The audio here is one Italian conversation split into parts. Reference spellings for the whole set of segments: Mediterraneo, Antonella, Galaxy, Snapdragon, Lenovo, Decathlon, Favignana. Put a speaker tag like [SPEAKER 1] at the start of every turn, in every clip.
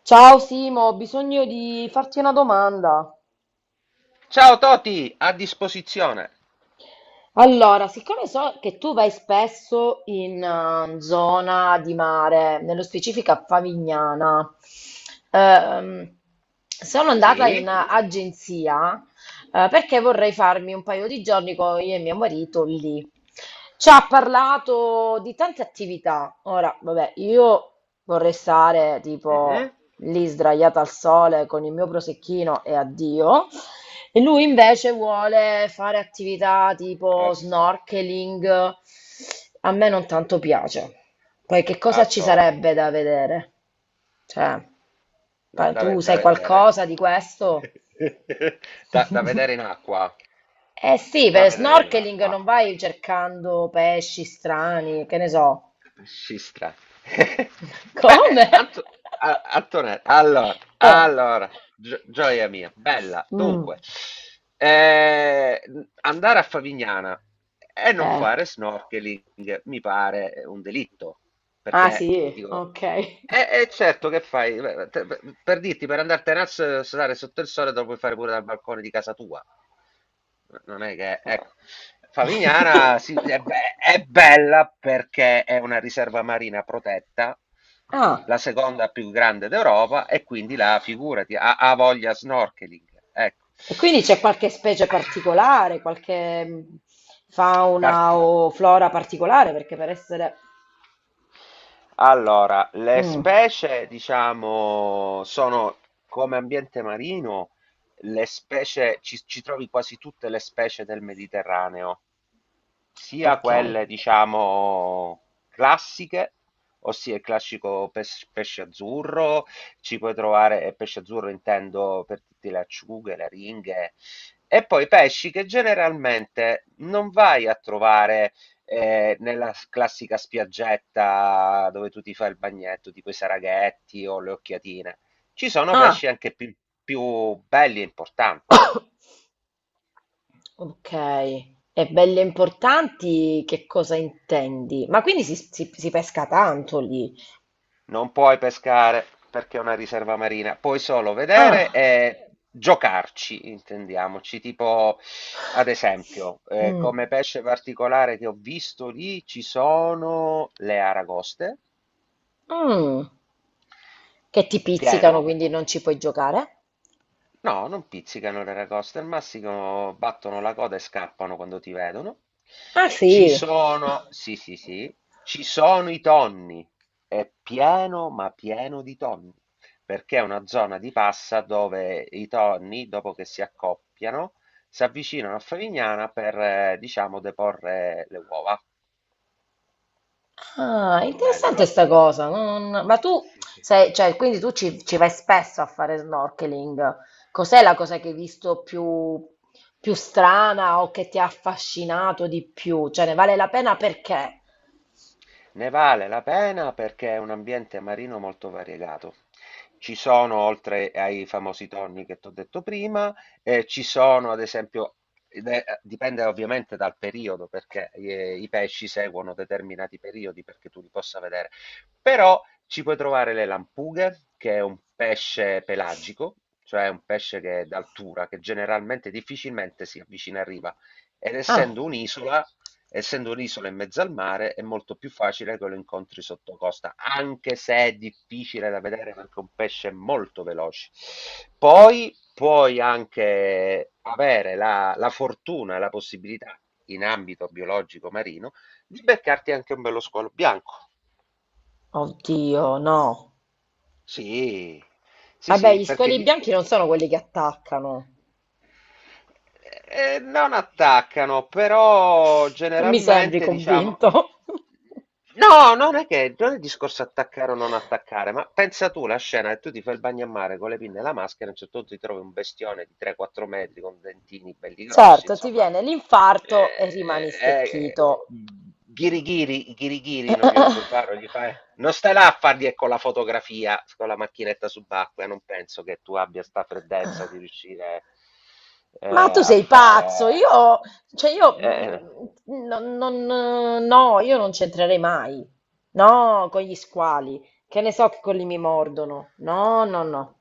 [SPEAKER 1] Ciao Simo, ho bisogno di farti una domanda.
[SPEAKER 2] Ciao Toti, a disposizione.
[SPEAKER 1] Allora, siccome so che tu vai spesso in zona di mare, nello specifico a Favignana, ehm, sono andata
[SPEAKER 2] Sì?
[SPEAKER 1] in agenzia perché vorrei farmi un paio di giorni con io e mio marito lì. Ci ha parlato di tante attività. Ora, vabbè, io vorrei stare
[SPEAKER 2] Mhm.
[SPEAKER 1] tipo lì sdraiata al sole con il mio prosecchino e addio. E lui invece vuole fare attività tipo
[SPEAKER 2] Al,
[SPEAKER 1] snorkeling. A me non tanto piace. Poi che cosa
[SPEAKER 2] al
[SPEAKER 1] ci
[SPEAKER 2] solito.
[SPEAKER 1] sarebbe da vedere? Cioè,
[SPEAKER 2] Da, da ve-
[SPEAKER 1] tu
[SPEAKER 2] da
[SPEAKER 1] sai
[SPEAKER 2] vedere.
[SPEAKER 1] qualcosa di questo?
[SPEAKER 2] Da, da vedere in acqua.
[SPEAKER 1] Eh sì,
[SPEAKER 2] Da
[SPEAKER 1] per
[SPEAKER 2] vedere in
[SPEAKER 1] snorkeling
[SPEAKER 2] acqua.
[SPEAKER 1] non vai cercando pesci strani, che ne so.
[SPEAKER 2] Scistra. Beh,
[SPEAKER 1] Come?
[SPEAKER 2] Antonella, allora,
[SPEAKER 1] Eh.
[SPEAKER 2] allora, gioia mia, bella.
[SPEAKER 1] Mm.
[SPEAKER 2] Dunque, eh, andare a Favignana e non
[SPEAKER 1] Eh.
[SPEAKER 2] fare snorkeling mi pare un delitto,
[SPEAKER 1] Ah
[SPEAKER 2] perché
[SPEAKER 1] sì,
[SPEAKER 2] dico.
[SPEAKER 1] ok.
[SPEAKER 2] Certo, che fai? Beh, per dirti, per andartene a stare sotto il sole, te lo puoi fare pure dal balcone di casa tua. Non è che, ecco, Favignana sì, è, è bella perché è una riserva marina protetta,
[SPEAKER 1] Eh. Ah.
[SPEAKER 2] la seconda più grande d'Europa, e quindi là, figurati, ha, ha voglia snorkeling. Ecco.
[SPEAKER 1] E quindi c'è qualche specie
[SPEAKER 2] Ah,
[SPEAKER 1] particolare, qualche
[SPEAKER 2] Part-
[SPEAKER 1] fauna o flora particolare, perché per essere...
[SPEAKER 2] allora, le
[SPEAKER 1] Mm,
[SPEAKER 2] specie, diciamo, sono come ambiente marino, le specie, ci trovi quasi tutte le specie del Mediterraneo sia
[SPEAKER 1] ok.
[SPEAKER 2] quelle diciamo classiche, ossia il classico pesce azzurro, ci puoi trovare, e pesce azzurro intendo per tutte le acciughe, le ringhe, e poi pesci che generalmente non vai a trovare nella classica spiaggetta dove tu ti fai il bagnetto, tipo i saraghetti o le occhiatine. Ci sono
[SPEAKER 1] Ah,
[SPEAKER 2] pesci anche più, più belli e importanti.
[SPEAKER 1] ok. E belle importanti, che cosa intendi? Ma quindi si pesca tanto lì?
[SPEAKER 2] Non puoi pescare perché è una riserva marina, puoi solo vedere
[SPEAKER 1] Ah,
[SPEAKER 2] e giocarci, intendiamoci. Tipo, ad esempio,
[SPEAKER 1] mm.
[SPEAKER 2] come pesce particolare che ho visto lì ci sono le aragoste,
[SPEAKER 1] Mm. Che ti pizzicano,
[SPEAKER 2] pieno.
[SPEAKER 1] quindi non ci puoi giocare?
[SPEAKER 2] No, non pizzicano il Reracosta, al massimo battono la coda e scappano quando ti vedono.
[SPEAKER 1] Ah
[SPEAKER 2] Ci
[SPEAKER 1] sì.
[SPEAKER 2] sono, sì, sì, sì, ci sono i tonni, è pieno, ma pieno di tonni, perché è una zona di passa dove i tonni, dopo che si accoppiano, si avvicinano a Favignana per, diciamo, deporre le uova.
[SPEAKER 1] Ah, interessante
[SPEAKER 2] Bello.
[SPEAKER 1] sta cosa. Ma tu
[SPEAKER 2] Sì, sì.
[SPEAKER 1] sei, cioè, quindi tu ci vai spesso a fare snorkeling. Cos'è la cosa che hai visto più, più strana o che ti ha affascinato di più? Cioè, ne vale la pena perché?
[SPEAKER 2] Ne vale la pena perché è un ambiente marino molto variegato. Ci sono, oltre ai famosi tonni che t'ho detto prima, ci sono ad esempio, dipende ovviamente dal periodo, perché i pesci seguono determinati periodi perché tu li possa vedere, però ci puoi trovare le lampughe, che è un pesce pelagico, cioè un pesce che è d'altura, che generalmente difficilmente si avvicina a riva. Ed
[SPEAKER 1] Ah,
[SPEAKER 2] essendo un'isola, essendo un'isola in mezzo al mare è molto più facile che lo incontri sotto costa, anche se è difficile da vedere perché è un pesce molto veloce. Poi puoi anche avere la, la fortuna e la possibilità, in ambito biologico marino, di beccarti anche un bello squalo bianco.
[SPEAKER 1] oddio, no.
[SPEAKER 2] Sì, sì,
[SPEAKER 1] Vabbè,
[SPEAKER 2] sì,
[SPEAKER 1] gli
[SPEAKER 2] perché
[SPEAKER 1] squali
[SPEAKER 2] gli,
[SPEAKER 1] bianchi non sono quelli che attaccano.
[SPEAKER 2] Non attaccano, però
[SPEAKER 1] Non mi sembri
[SPEAKER 2] generalmente diciamo.
[SPEAKER 1] convinto.
[SPEAKER 2] No, non è che non è il discorso attaccare o non attaccare, ma pensa tu la scena che tu ti fai il bagno a mare con le pinne e la maschera, a un certo punto ti trovi un bestione di 3-4 metri con dentini belli grossi,
[SPEAKER 1] Certo, ti
[SPEAKER 2] insomma,
[SPEAKER 1] viene l'infarto e
[SPEAKER 2] eh,
[SPEAKER 1] rimani
[SPEAKER 2] eh,
[SPEAKER 1] stecchito.
[SPEAKER 2] ghirigiri, ghirigiri non glielo puoi fare, non gli fai- non stai là a fargli con la fotografia, con la macchinetta subacquea, non penso che tu abbia sta freddezza di riuscire.
[SPEAKER 1] Ma tu
[SPEAKER 2] A
[SPEAKER 1] sei pazzo,
[SPEAKER 2] fare
[SPEAKER 1] io, cioè io,
[SPEAKER 2] eh,
[SPEAKER 1] mm, non- non- no, io non c'entrerei mai, no, con gli squali, che ne so che quelli mi mordono, no, no, no.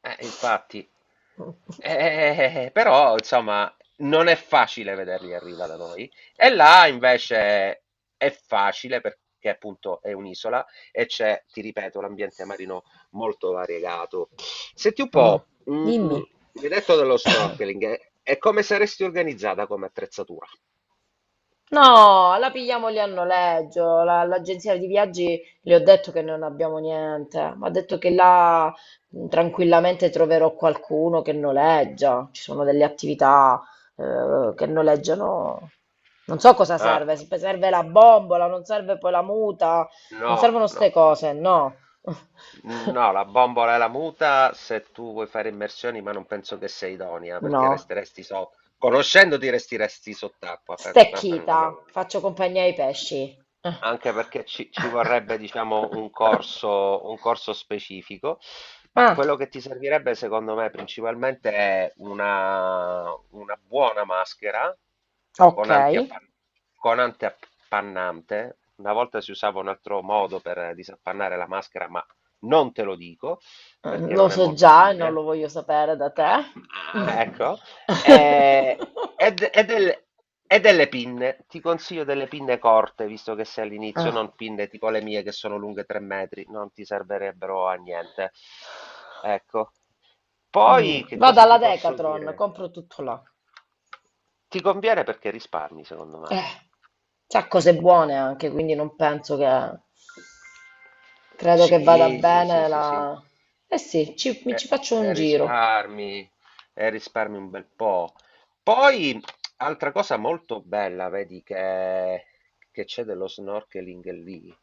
[SPEAKER 2] infatti. Però insomma non è facile vederli arriva da noi. E là invece è facile perché appunto è un'isola e c'è, ti ripeto, l'ambiente marino molto variegato. Senti un
[SPEAKER 1] Mm.
[SPEAKER 2] po',
[SPEAKER 1] Dimmi.
[SPEAKER 2] mi hai detto dello snorkeling, e come saresti organizzata come attrezzatura?
[SPEAKER 1] No, la pigliamo lì a noleggio. L'agenzia di viaggi le ho detto che non abbiamo niente, ma ha detto che là tranquillamente troverò qualcuno che noleggia. Ci sono delle attività che noleggiano. Non so cosa
[SPEAKER 2] Ah.
[SPEAKER 1] serve, se serve la bombola, non serve poi la muta, non
[SPEAKER 2] No,
[SPEAKER 1] servono
[SPEAKER 2] no.
[SPEAKER 1] ste cose, no.
[SPEAKER 2] No, la bombola è la muta se tu vuoi fare immersioni, ma non penso che sei idonea perché
[SPEAKER 1] No.
[SPEAKER 2] resteresti sotto. Conoscendoti resteresti sott'acqua. Proprio no.
[SPEAKER 1] Stecchita, faccio compagnia ai pesci.
[SPEAKER 2] Anche perché ci, ci vorrebbe, diciamo, un corso specifico. Ma
[SPEAKER 1] Ah.
[SPEAKER 2] quello che ti servirebbe, secondo me, principalmente è una buona maschera
[SPEAKER 1] Ok,
[SPEAKER 2] con
[SPEAKER 1] eh,
[SPEAKER 2] antiappan- con antiappannante. Una volta si usava un altro modo per disappannare la maschera, ma non te lo dico perché
[SPEAKER 1] lo
[SPEAKER 2] non è
[SPEAKER 1] so
[SPEAKER 2] molto
[SPEAKER 1] già e non lo
[SPEAKER 2] fine.
[SPEAKER 1] voglio sapere da te.
[SPEAKER 2] Ah,
[SPEAKER 1] Mm.
[SPEAKER 2] ah, ecco, eh, E, d- e del- e delle pinne, ti consiglio delle pinne corte, visto che sei all'inizio,
[SPEAKER 1] Ah,
[SPEAKER 2] non pinne tipo le mie che sono lunghe 3 metri, non ti servirebbero a niente. Ecco. Poi
[SPEAKER 1] mm.
[SPEAKER 2] che
[SPEAKER 1] Vado
[SPEAKER 2] cosa
[SPEAKER 1] alla
[SPEAKER 2] ti posso
[SPEAKER 1] Decathlon,
[SPEAKER 2] dire?
[SPEAKER 1] compro tutto là.
[SPEAKER 2] Ti conviene perché risparmi, secondo me.
[SPEAKER 1] Eh, c'ha cose buone anche, quindi non penso che... Credo che vada
[SPEAKER 2] Sì, sì, sì,
[SPEAKER 1] bene
[SPEAKER 2] sì, sì.
[SPEAKER 1] la... Eh sì, mi ci
[SPEAKER 2] Eh,
[SPEAKER 1] faccio
[SPEAKER 2] eh,
[SPEAKER 1] un giro.
[SPEAKER 2] risparmi, risparmi un bel po'. Poi, altra cosa molto bella, vedi, che c'è dello snorkeling lì,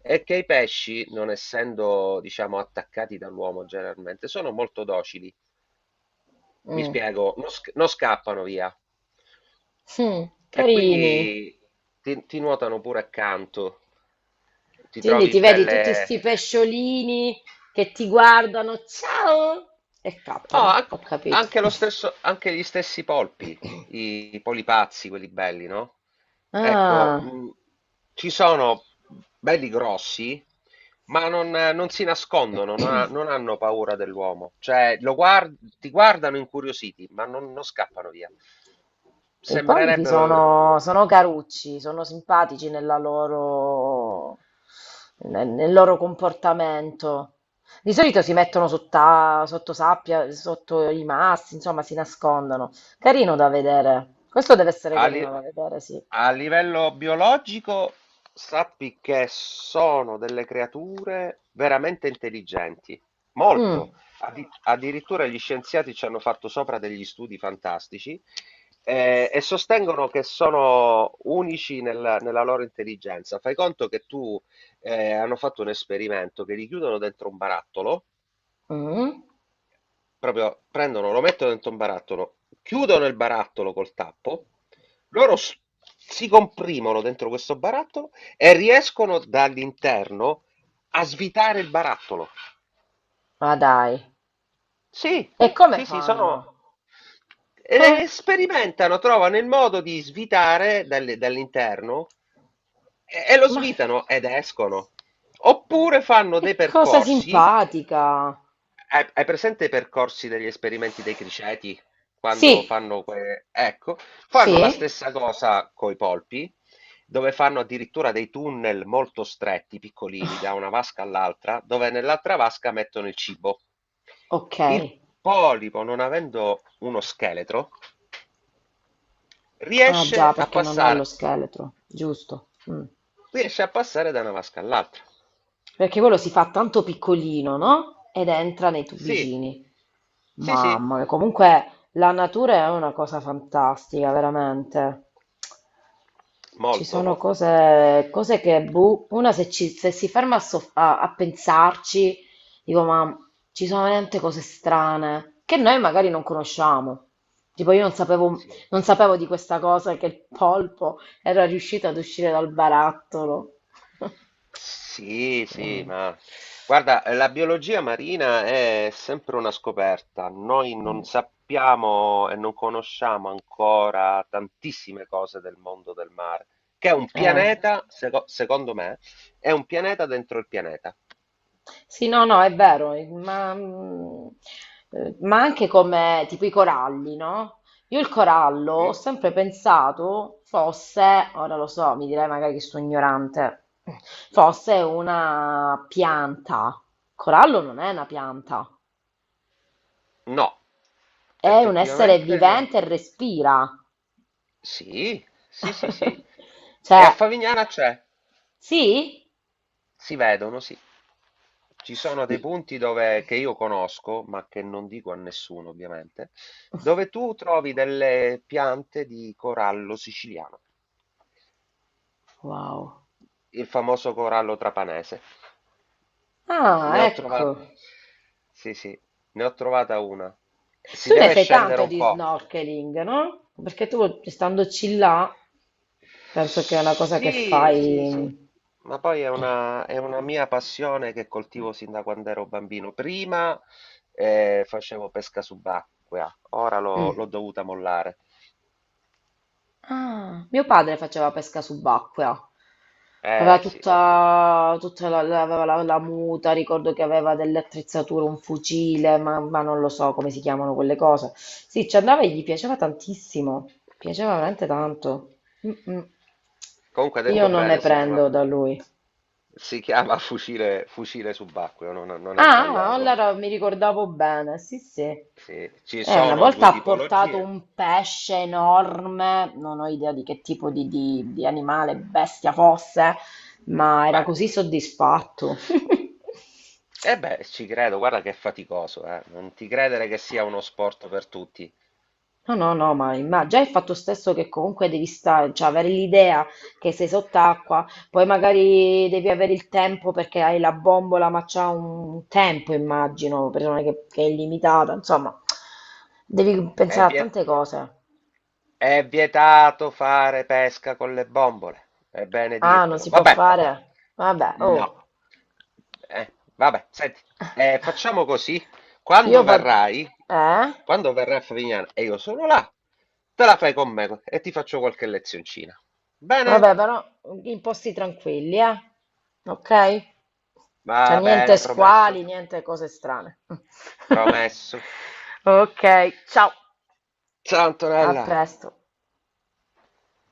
[SPEAKER 2] è che i pesci, non essendo, diciamo, attaccati dall'uomo generalmente, sono molto docili. Mi
[SPEAKER 1] Mm.
[SPEAKER 2] spiego, non scappano via.
[SPEAKER 1] Mm,
[SPEAKER 2] E quindi
[SPEAKER 1] carini.
[SPEAKER 2] ti nuotano pure accanto. Ti
[SPEAKER 1] Quindi
[SPEAKER 2] trovi
[SPEAKER 1] ti vedi
[SPEAKER 2] belle...
[SPEAKER 1] tutti sti pesciolini che ti guardano, ciao, e
[SPEAKER 2] No,
[SPEAKER 1] cappano,
[SPEAKER 2] an-
[SPEAKER 1] ho capito.
[SPEAKER 2] anche lo stesso, anche gli stessi polpi, i polipazzi, quelli belli, no? Ecco,
[SPEAKER 1] Ah,
[SPEAKER 2] ci sono belli grossi, ma non, non si nascondono, non hanno paura dell'uomo. Cioè, ti guardano incuriositi, ma non, non scappano via.
[SPEAKER 1] i polipi
[SPEAKER 2] Sembrerebbe.
[SPEAKER 1] sono, sono carucci, sono simpatici nella nel loro comportamento. Di solito si mettono sotto sabbia, sotto i massi, insomma, si nascondono. Carino da vedere. Questo deve essere
[SPEAKER 2] A, li-
[SPEAKER 1] carino da vedere, sì.
[SPEAKER 2] a livello biologico, sappi che sono delle creature veramente intelligenti,
[SPEAKER 1] Mm,
[SPEAKER 2] molto. Addirittura gli scienziati ci hanno fatto sopra degli studi fantastici e sostengono che sono unici nella, nella loro intelligenza. Fai conto che tu hanno fatto un esperimento che li chiudono dentro un barattolo.
[SPEAKER 1] mm.
[SPEAKER 2] Proprio prendono, lo mettono dentro un barattolo, chiudono il barattolo col tappo, loro s- si comprimono dentro questo barattolo e riescono dall'interno a svitare il barattolo.
[SPEAKER 1] Ma dai.
[SPEAKER 2] Sì,
[SPEAKER 1] E come
[SPEAKER 2] sì, sì,
[SPEAKER 1] fanno?
[SPEAKER 2] sono...
[SPEAKER 1] Eh,
[SPEAKER 2] e sperimentano, trovano il modo di svitare dall'interno e lo
[SPEAKER 1] ma
[SPEAKER 2] svitano ed escono. Oppure fanno dei
[SPEAKER 1] che cosa
[SPEAKER 2] percorsi.
[SPEAKER 1] simpatica!
[SPEAKER 2] Hai presente i percorsi degli esperimenti dei criceti?
[SPEAKER 1] Sì,
[SPEAKER 2] Ecco, fanno la
[SPEAKER 1] sì?
[SPEAKER 2] stessa cosa coi polpi, dove fanno addirittura dei tunnel molto stretti, piccolini, da una vasca all'altra, dove nell'altra vasca mettono il cibo. Il
[SPEAKER 1] Okay.
[SPEAKER 2] polipo, non avendo uno scheletro,
[SPEAKER 1] Ah
[SPEAKER 2] riesce
[SPEAKER 1] già,
[SPEAKER 2] a
[SPEAKER 1] perché non ha lo
[SPEAKER 2] passare,
[SPEAKER 1] scheletro, giusto. Mh.
[SPEAKER 2] riesce a passare da una vasca all'altra.
[SPEAKER 1] Perché quello si fa tanto piccolino, no, ed entra nei
[SPEAKER 2] Sì,
[SPEAKER 1] tubicini.
[SPEAKER 2] sì, sì,
[SPEAKER 1] Mamma mia, comunque la natura è una cosa fantastica, veramente. Ci
[SPEAKER 2] molto.
[SPEAKER 1] sono cose, cose che, boh, una se si ferma a, a pensarci, dico, ma ci sono veramente cose strane che noi magari non conosciamo. Tipo, io non sapevo,
[SPEAKER 2] Sì.
[SPEAKER 1] non sapevo di questa cosa che il polpo era riuscito ad uscire dal barattolo.
[SPEAKER 2] Sì, sì,
[SPEAKER 1] No.
[SPEAKER 2] ma guarda, la biologia marina è sempre una scoperta. Noi non sappiamo e non conosciamo ancora tantissime cose del mondo del mare, che è un
[SPEAKER 1] Eh.
[SPEAKER 2] pianeta, secondo me, è un pianeta dentro il pianeta.
[SPEAKER 1] Sì, no, no, è vero, ma anche come tipo i coralli, no? Io il corallo
[SPEAKER 2] Sì?
[SPEAKER 1] ho sempre pensato fosse, ora lo so, mi direi magari che sono ignorante, fosse una pianta. Il corallo non è una pianta,
[SPEAKER 2] No,
[SPEAKER 1] è un essere
[SPEAKER 2] effettivamente no.
[SPEAKER 1] vivente e respira.
[SPEAKER 2] Sì, sì, sì, sì. E a
[SPEAKER 1] Cioè,
[SPEAKER 2] Favignana c'è.
[SPEAKER 1] sì?
[SPEAKER 2] Si vedono, sì. Ci sono dei
[SPEAKER 1] I-
[SPEAKER 2] punti dove, che io conosco, ma che non dico a nessuno ovviamente, dove tu trovi delle piante di corallo siciliano,
[SPEAKER 1] Wow.
[SPEAKER 2] il famoso corallo trapanese. Ne
[SPEAKER 1] Ah,
[SPEAKER 2] ho trovata,
[SPEAKER 1] ecco.
[SPEAKER 2] sì, sì, ne ho trovata una. Si
[SPEAKER 1] Tu ne
[SPEAKER 2] deve
[SPEAKER 1] fai
[SPEAKER 2] scendere
[SPEAKER 1] tanto
[SPEAKER 2] un
[SPEAKER 1] di
[SPEAKER 2] po'.
[SPEAKER 1] snorkeling, no? Perché tu, standoci là, penso che è una cosa che
[SPEAKER 2] Sì, sì, sì,
[SPEAKER 1] fai...
[SPEAKER 2] ma poi è una mia passione che coltivo sin da quando ero bambino. Prima facevo pesca subacquea, ora l'ho
[SPEAKER 1] Mm.
[SPEAKER 2] dovuta mollare.
[SPEAKER 1] Ah, mio padre faceva pesca subacquea. Aveva
[SPEAKER 2] Eh sì.
[SPEAKER 1] tutta, la muta, ricordo che aveva delle attrezzature, un fucile, ma non lo so come si chiamano quelle cose. Sì, ci andava e gli piaceva tantissimo, piaceva veramente tanto. Mm, mm.
[SPEAKER 2] Comunque ha
[SPEAKER 1] Io
[SPEAKER 2] detto
[SPEAKER 1] non ne
[SPEAKER 2] bene,
[SPEAKER 1] prendo da lui.
[SPEAKER 2] si chiama fucile, fucile subacqueo, non, non è
[SPEAKER 1] Ah,
[SPEAKER 2] sbagliato. Eh.
[SPEAKER 1] allora mi ricordavo bene, sì, sì.
[SPEAKER 2] Sì, ci
[SPEAKER 1] Una
[SPEAKER 2] sono
[SPEAKER 1] volta
[SPEAKER 2] due
[SPEAKER 1] ha portato
[SPEAKER 2] tipologie.
[SPEAKER 1] un pesce enorme, non ho idea di che tipo di animale, bestia fosse, ma era così
[SPEAKER 2] Bello.
[SPEAKER 1] soddisfatto.
[SPEAKER 2] E beh, ci credo, guarda che è faticoso, eh. Non ti credere che sia uno sport per tutti.
[SPEAKER 1] No, no, no, ma già il fatto stesso che comunque devi stare, cioè avere l'idea che sei sott'acqua, poi magari devi avere il tempo perché hai la bombola, ma c'ha un tempo, immagino, che è illimitata, insomma, devi
[SPEAKER 2] E
[SPEAKER 1] pensare a
[SPEAKER 2] vi è...
[SPEAKER 1] tante cose.
[SPEAKER 2] È vietato fare pesca con le bombole, è bene
[SPEAKER 1] Ah, non
[SPEAKER 2] dirtelo.
[SPEAKER 1] si può
[SPEAKER 2] Vabbè,
[SPEAKER 1] fare? Vabbè,
[SPEAKER 2] no.
[SPEAKER 1] oh.
[SPEAKER 2] Vabbè, senti, facciamo così.
[SPEAKER 1] Io
[SPEAKER 2] Quando
[SPEAKER 1] vado...
[SPEAKER 2] verrai,
[SPEAKER 1] Eh?
[SPEAKER 2] quando verrai a Favignana e io sono là, te la fai con me e ti faccio qualche lezioncina.
[SPEAKER 1] Vabbè,
[SPEAKER 2] Bene?
[SPEAKER 1] però in posti tranquilli, eh? Ok? Cioè,
[SPEAKER 2] Va
[SPEAKER 1] niente
[SPEAKER 2] bene,
[SPEAKER 1] d'accordo,
[SPEAKER 2] promesso.
[SPEAKER 1] squali, niente cose strane.
[SPEAKER 2] Promesso.
[SPEAKER 1] Ok, ciao,
[SPEAKER 2] Ciao
[SPEAKER 1] a
[SPEAKER 2] Antonella.
[SPEAKER 1] presto.